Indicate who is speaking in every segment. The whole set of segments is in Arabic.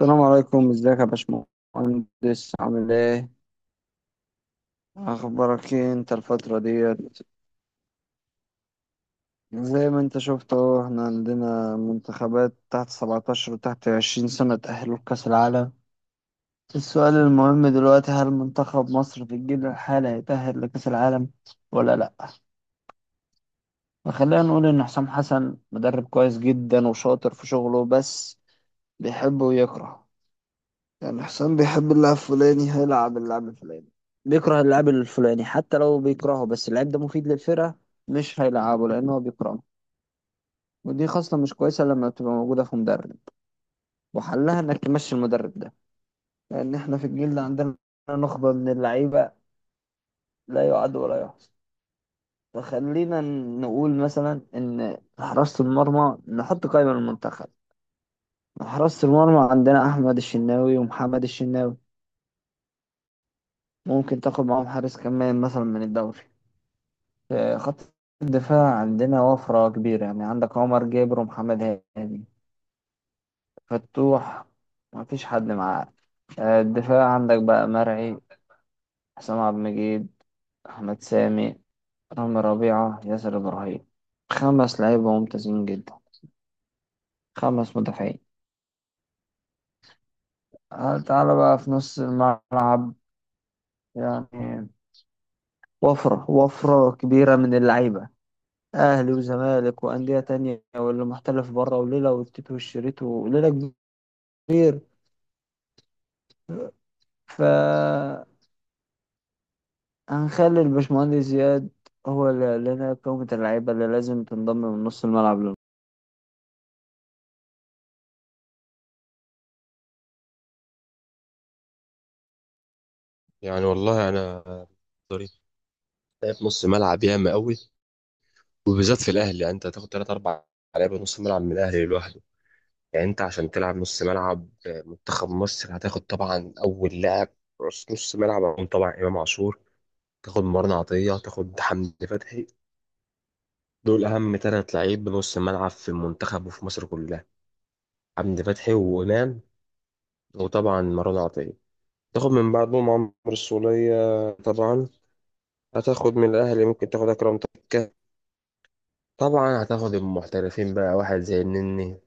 Speaker 1: السلام عليكم، ازيك يا باشمهندس؟ عامل ايه؟ اخبارك ايه انت الفترة ديت؟ زي ما انت شفت اهو، احنا عندنا منتخبات تحت 17 وتحت 20 سنة تأهلوا لكأس العالم. السؤال المهم دلوقتي، هل منتخب مصر في الجيل الحالي هيتأهل لكأس العالم ولا لأ؟ فخلينا نقول ان حسام حسن مدرب كويس جدا وشاطر في شغله، بس بيحب ويكره. يعني حسام بيحب اللاعب الفلاني، هيلعب اللاعب الفلاني. بيكره اللاعب الفلاني، حتى لو بيكرهه بس اللاعب ده مفيد للفرقة، مش هيلعبه لأن هو بيكرهه. ودي خاصة مش كويسة لما بتبقى موجودة في مدرب، وحلها إنك تمشي المدرب ده. لأن إحنا في الجيل ده عندنا نخبة من اللعيبة لا يعد ولا يحصى. فخلينا نقول مثلا إن حراسة المرمى نحط قائمة للمنتخب. حراسة المرمى عندنا أحمد الشناوي ومحمد الشناوي، ممكن تاخد معاهم حارس كمان مثلا من الدوري. في خط الدفاع عندنا وفرة كبيرة، يعني عندك عمر جابر ومحمد هاني، فتوح، ما فيش حد معاه. آه، الدفاع عندك بقى مرعي، حسام عبد المجيد، أحمد سامي، رامي ربيعة، ياسر إبراهيم. خمس لعيبة ممتازين جدا، خمس مدافعين. آه، تعالى بقى في نص الملعب. يعني وفرة كبيرة من اللعيبة، أهلي وزمالك وأندية تانية واللي محترف بره وليلة والتيت والشريط وليلة كبيرة. فهنخلي الباشمهندس زياد هو اللي قال لنا قائمة اللعيبة اللي لازم تنضم من نص الملعب لنا.
Speaker 2: يعني والله انا طريق لعب نص ملعب ياما قوي، وبالذات في الاهلي. يعني انت هتاخد ثلاث اربع لعيبه نص ملعب من الاهلي لوحده. يعني انت عشان تلعب نص ملعب منتخب مصر هتاخد طبعا اول لاعب، رأس نص ملعب، هيكون طبعا امام عاشور. تاخد مرن عطيه، تاخد حمدي فتحي. دول اهم ثلاث لعيب نص ملعب في المنتخب وفي مصر كلها: حمدي فتحي، وامام، وطبعا مرن عطيه. تاخد من بعدهم عمرو السولية طبعا. هتاخد من الاهلي ممكن تاخد اكرم توفيق. طبعا هتاخد المحترفين بقى، واحد زي النني،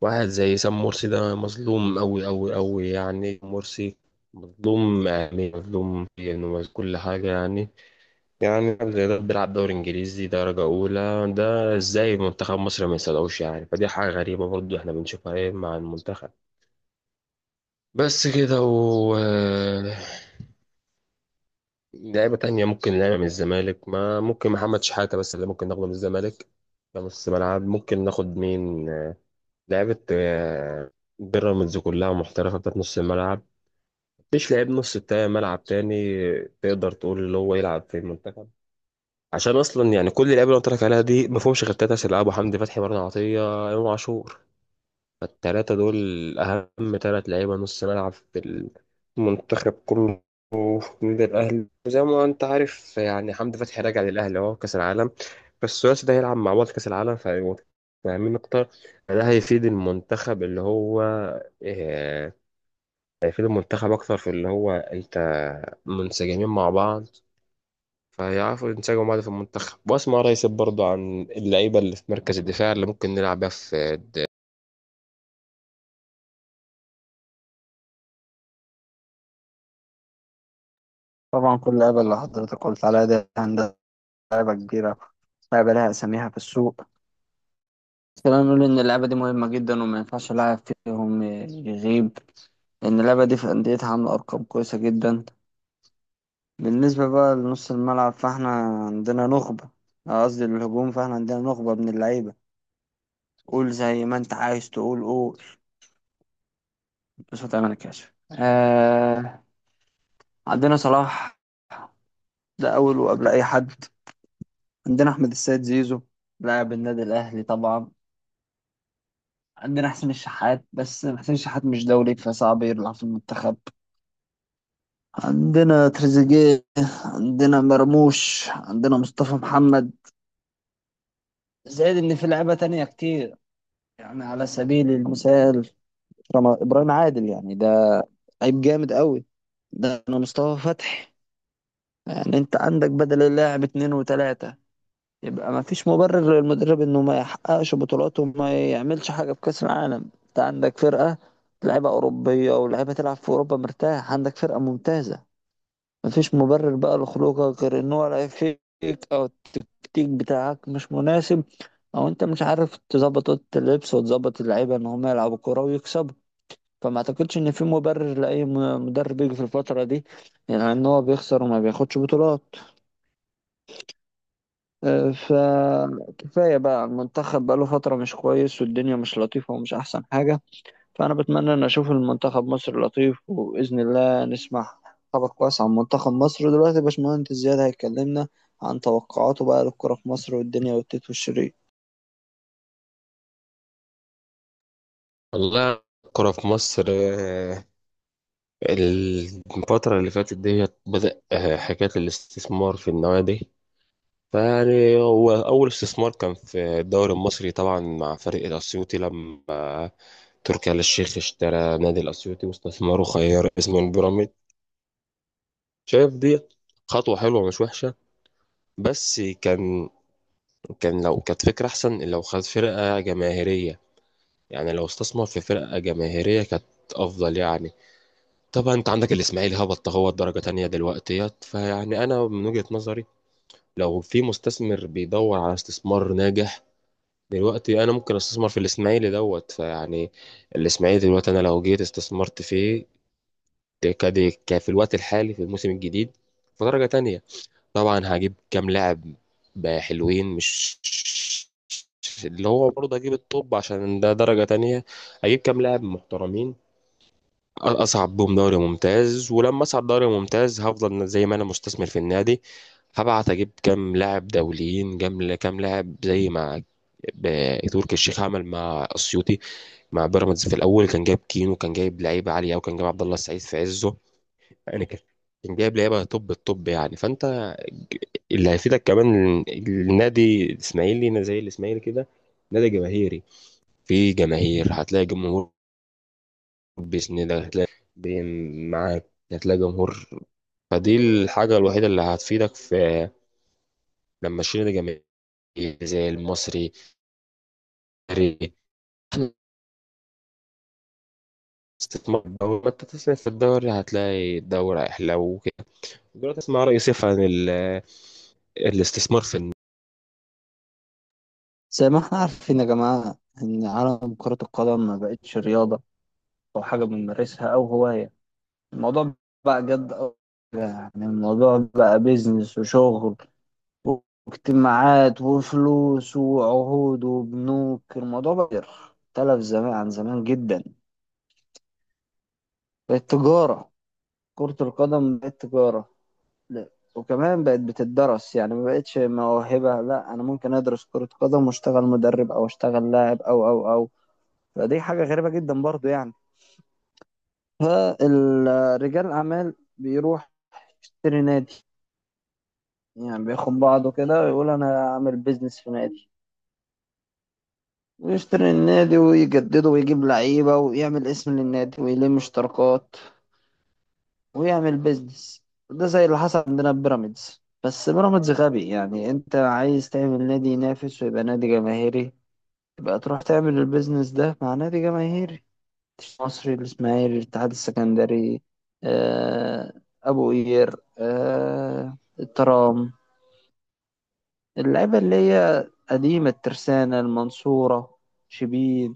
Speaker 2: واحد زي سام مرسي. ده مظلوم أوي أوي أوي، يعني مرسي مظلوم، يعني مظلوم، يعني كل حاجة يعني. يعني لاعب زي ده بيلعب دوري إنجليزي درجة أولى، ده إزاي منتخب مصر ما يصدقوش؟ يعني فدي حاجة غريبة برضو إحنا بنشوفها إيه مع المنتخب. بس كده. و لعيبة تانية ممكن لعيبة من الزمالك، ما ممكن محمد شحاتة بس اللي ممكن ناخده من الزمالك ده نص ملعب. ممكن ناخد مين لعبة بيراميدز كلها محترفة بتاعت نص الملعب. مفيش لعيب نص ملعب تاني تقدر تقول اللي هو يلعب في المنتخب، عشان أصلا يعني كل اللعيبة اللي قلت لك عليها دي مفهومش غير تلات أسئلة: أبو حمدي فتحي، مرة عطية، إمام عاشور. فالتلاتة دول أهم تلات لعيبة نص ملعب في المنتخب كله وفي النادي الأهلي. وزي ما أنت عارف يعني حمدي فتحي راجع للأهلي أهو كأس العالم، بس الثلاثي ده هيلعب مع بعض كأس العالم فهيبقوا فاهمين أكتر. ده هيفيد المنتخب، اللي هو آه، هيفيد المنتخب أكتر في اللي هو أنت منسجمين مع بعض، فيعرفوا ينسجموا مع بعض في المنتخب. وأسمع رئيس برضه عن اللعيبة اللي في مركز الدفاع اللي ممكن نلعب بيها في.
Speaker 1: طبعا كل لعبة اللي حضرتك قلت عليها دي هندسة، لعبة كبيرة، لعبة لها أساميها في السوق. خلينا نقول إن اللعبة دي مهمة جدا وما ينفعش لاعب فيهم يغيب، لأن اللعبة دي في أنديتها عاملة أرقام كويسة جدا. بالنسبة بقى لنص الملعب، فإحنا عندنا نخبة، قصدي الهجوم، فإحنا عندنا نخبة من اللعيبة. قول زي ما أنت عايز تقول، قول، بس ما تعمل كاشف. عندنا صلاح، ده أول وقبل أي حد. عندنا أحمد السيد زيزو، لاعب النادي الأهلي طبعا. عندنا حسين الشحات، بس حسين الشحات مش دولي فصعب يلعب في المنتخب. عندنا تريزيجيه، عندنا مرموش، عندنا مصطفى محمد. زائد إن في لعيبة تانية كتير، يعني على سبيل المثال إبراهيم عادل، يعني ده لعيب جامد قوي. ده أنا مصطفى فتحي، يعني أنت عندك بدل اللاعب اتنين وتلاتة. يبقى ما فيش مبرر للمدرب انه ما يحققش بطولات وما يعملش حاجه في كاس العالم. انت عندك فرقه لعيبه اوروبيه ولاعيبه تلعب في اوروبا، مرتاح، عندك فرقه ممتازه. ما فيش مبرر بقى لخروجك غير ان هو لعب فيك، او التكتيك بتاعك مش مناسب، او انت مش عارف تظبط اوضه اللبس وتظبط اللعيبه ان هم يلعبوا كوره ويكسبوا. فما اعتقدش ان في مبرر لاي مدرب يجي في الفتره دي، يعني ان هو بيخسر وما بياخدش بطولات. آه، فكفاية بقى، المنتخب بقاله فترة مش كويس والدنيا مش لطيفة ومش أحسن حاجة. فأنا بتمنى إن أشوف المنتخب مصر لطيف، وبإذن الله نسمع خبر كويس عن منتخب مصر. دلوقتي باشمهندس زياد هيكلمنا عن توقعاته بقى للكرة في مصر والدنيا والتيت والشريط.
Speaker 2: والله الكرة في مصر، الفترة اللي فاتت ديت بدأ حكاية الاستثمار في النوادي. فيعني هو أول استثمار كان في الدوري المصري طبعا مع فريق الأسيوطي، لما تركي آل الشيخ اشترى نادي الأسيوطي واستثمره خير اسمه البيراميد. شايف دي خطوة حلوة مش وحشة، بس كان لو كانت فكرة أحسن لو خد فرقة جماهيرية. يعني لو استثمر في فرقة جماهيرية كانت أفضل يعني. طبعا انت عندك الاسماعيلي هبط هو درجة تانية دلوقتيت. فيعني انا من وجهة نظري، لو في مستثمر بيدور على استثمار ناجح دلوقتي، انا ممكن استثمر في الاسماعيلي دوت. فيعني الاسماعيلي دلوقتي انا لو جيت استثمرت فيه، ده كده في الوقت الحالي في الموسم الجديد في درجة تانية، طبعا هجيب كام لاعب بقى حلوين، مش اللي هو برضه هجيب الطب عشان ده درجة تانية. هجيب كام لاعب محترمين، اصعد بيهم دوري ممتاز، ولما اصعد دوري ممتاز هفضل زي ما انا مستثمر في النادي، هبعت اجيب كام لاعب دوليين جم، كام لاعب زي ما تركي الشيخ عمل مع اسيوطي، مع بيراميدز في الاول. كان جايب كينو، كان جايب لعيبه عاليه، وكان جايب عبد الله السعيد في عزه. يعني كان جايب لعيبه توب التوب يعني. فانت اللي هيفيدك كمان النادي الاسماعيلي، زي الاسماعيلي كده نادي جماهيري، في جماهير هتلاقي جمهور، بإذن الله هتلاقي معاك هتلاقي جمهور. فدي الحاجة الوحيدة اللي هتفيدك في لما تشيل نادي جماهيري زي المصري الأهلي. استثمار الدوري، ما انت تسمع في الدوري هتلاقي الدوري أحلى وكده. دلوقتي اسمع رأي سيف عن الاستثمار في
Speaker 1: زي ما احنا عارفين يا جماعة، إن عالم كرة القدم ما بقتش رياضة أو حاجة بنمارسها أو هواية. الموضوع بقى جد أوي، يعني الموضوع بقى بيزنس وشغل واجتماعات وفلوس وعهود وبنوك. الموضوع بقى اختلف زمان عن زمان جدا. بقت تجارة، كرة القدم بقت تجارة. لا، وكمان بقت بتدرس، يعني ما بقتش موهبة. لا، أنا ممكن أدرس كرة قدم وأشتغل مدرب أو أشتغل لاعب أو. فدي حاجة غريبة جدا برضو يعني. فرجال الأعمال بيروح يشتري نادي، يعني بياخد بعضه كده ويقول أنا هعمل بيزنس في نادي. ويشتري النادي ويجدده ويجيب لعيبة ويعمل اسم للنادي ويلم اشتراكات ويعمل بيزنس. ده زي اللي حصل عندنا في بيراميدز، بس بيراميدز غبي. يعني انت عايز تعمل نادي ينافس ويبقى نادي جماهيري، يبقى تروح تعمل البيزنس ده مع نادي جماهيري. مصري، الإسماعيلي، الاتحاد السكندري، آه، أبو قير، آه، الترام، اللعيبة اللي هي قديمة، الترسانة، المنصورة، شبين.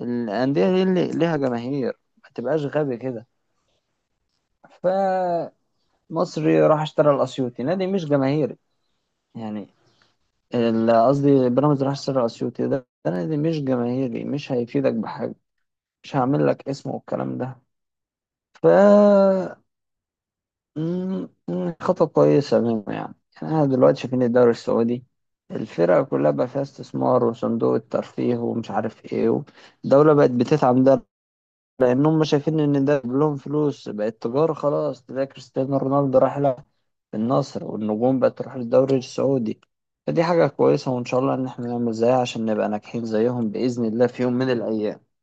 Speaker 1: الأندية دي اللي ليها جماهير، ما تبقاش غبي كده. فمصري راح اشترى الأسيوطي، نادي مش جماهيري. يعني قصدي بيراميدز راح اشترى الأسيوطي، ده ده نادي مش جماهيري، مش هيفيدك بحاجة، مش هعمل لك اسم والكلام ده. ف خطوة كويسة منه يعني. يعني أنا دلوقتي شايفين الدوري السعودي، الفرق كلها بقى فيها استثمار وصندوق الترفيه ومش عارف ايه. الدولة بقت بتدعم ده، لان هم شايفين ان ده جايب لهم فلوس، بقت تجاره خلاص. تلاقي كريستيانو رونالدو راح لها النصر، والنجوم بقت تروح للدوري السعودي. فدي حاجه كويسه، وان شاء الله ان احنا نعمل زيها عشان نبقى ناجحين زيهم باذن الله في يوم من الايام.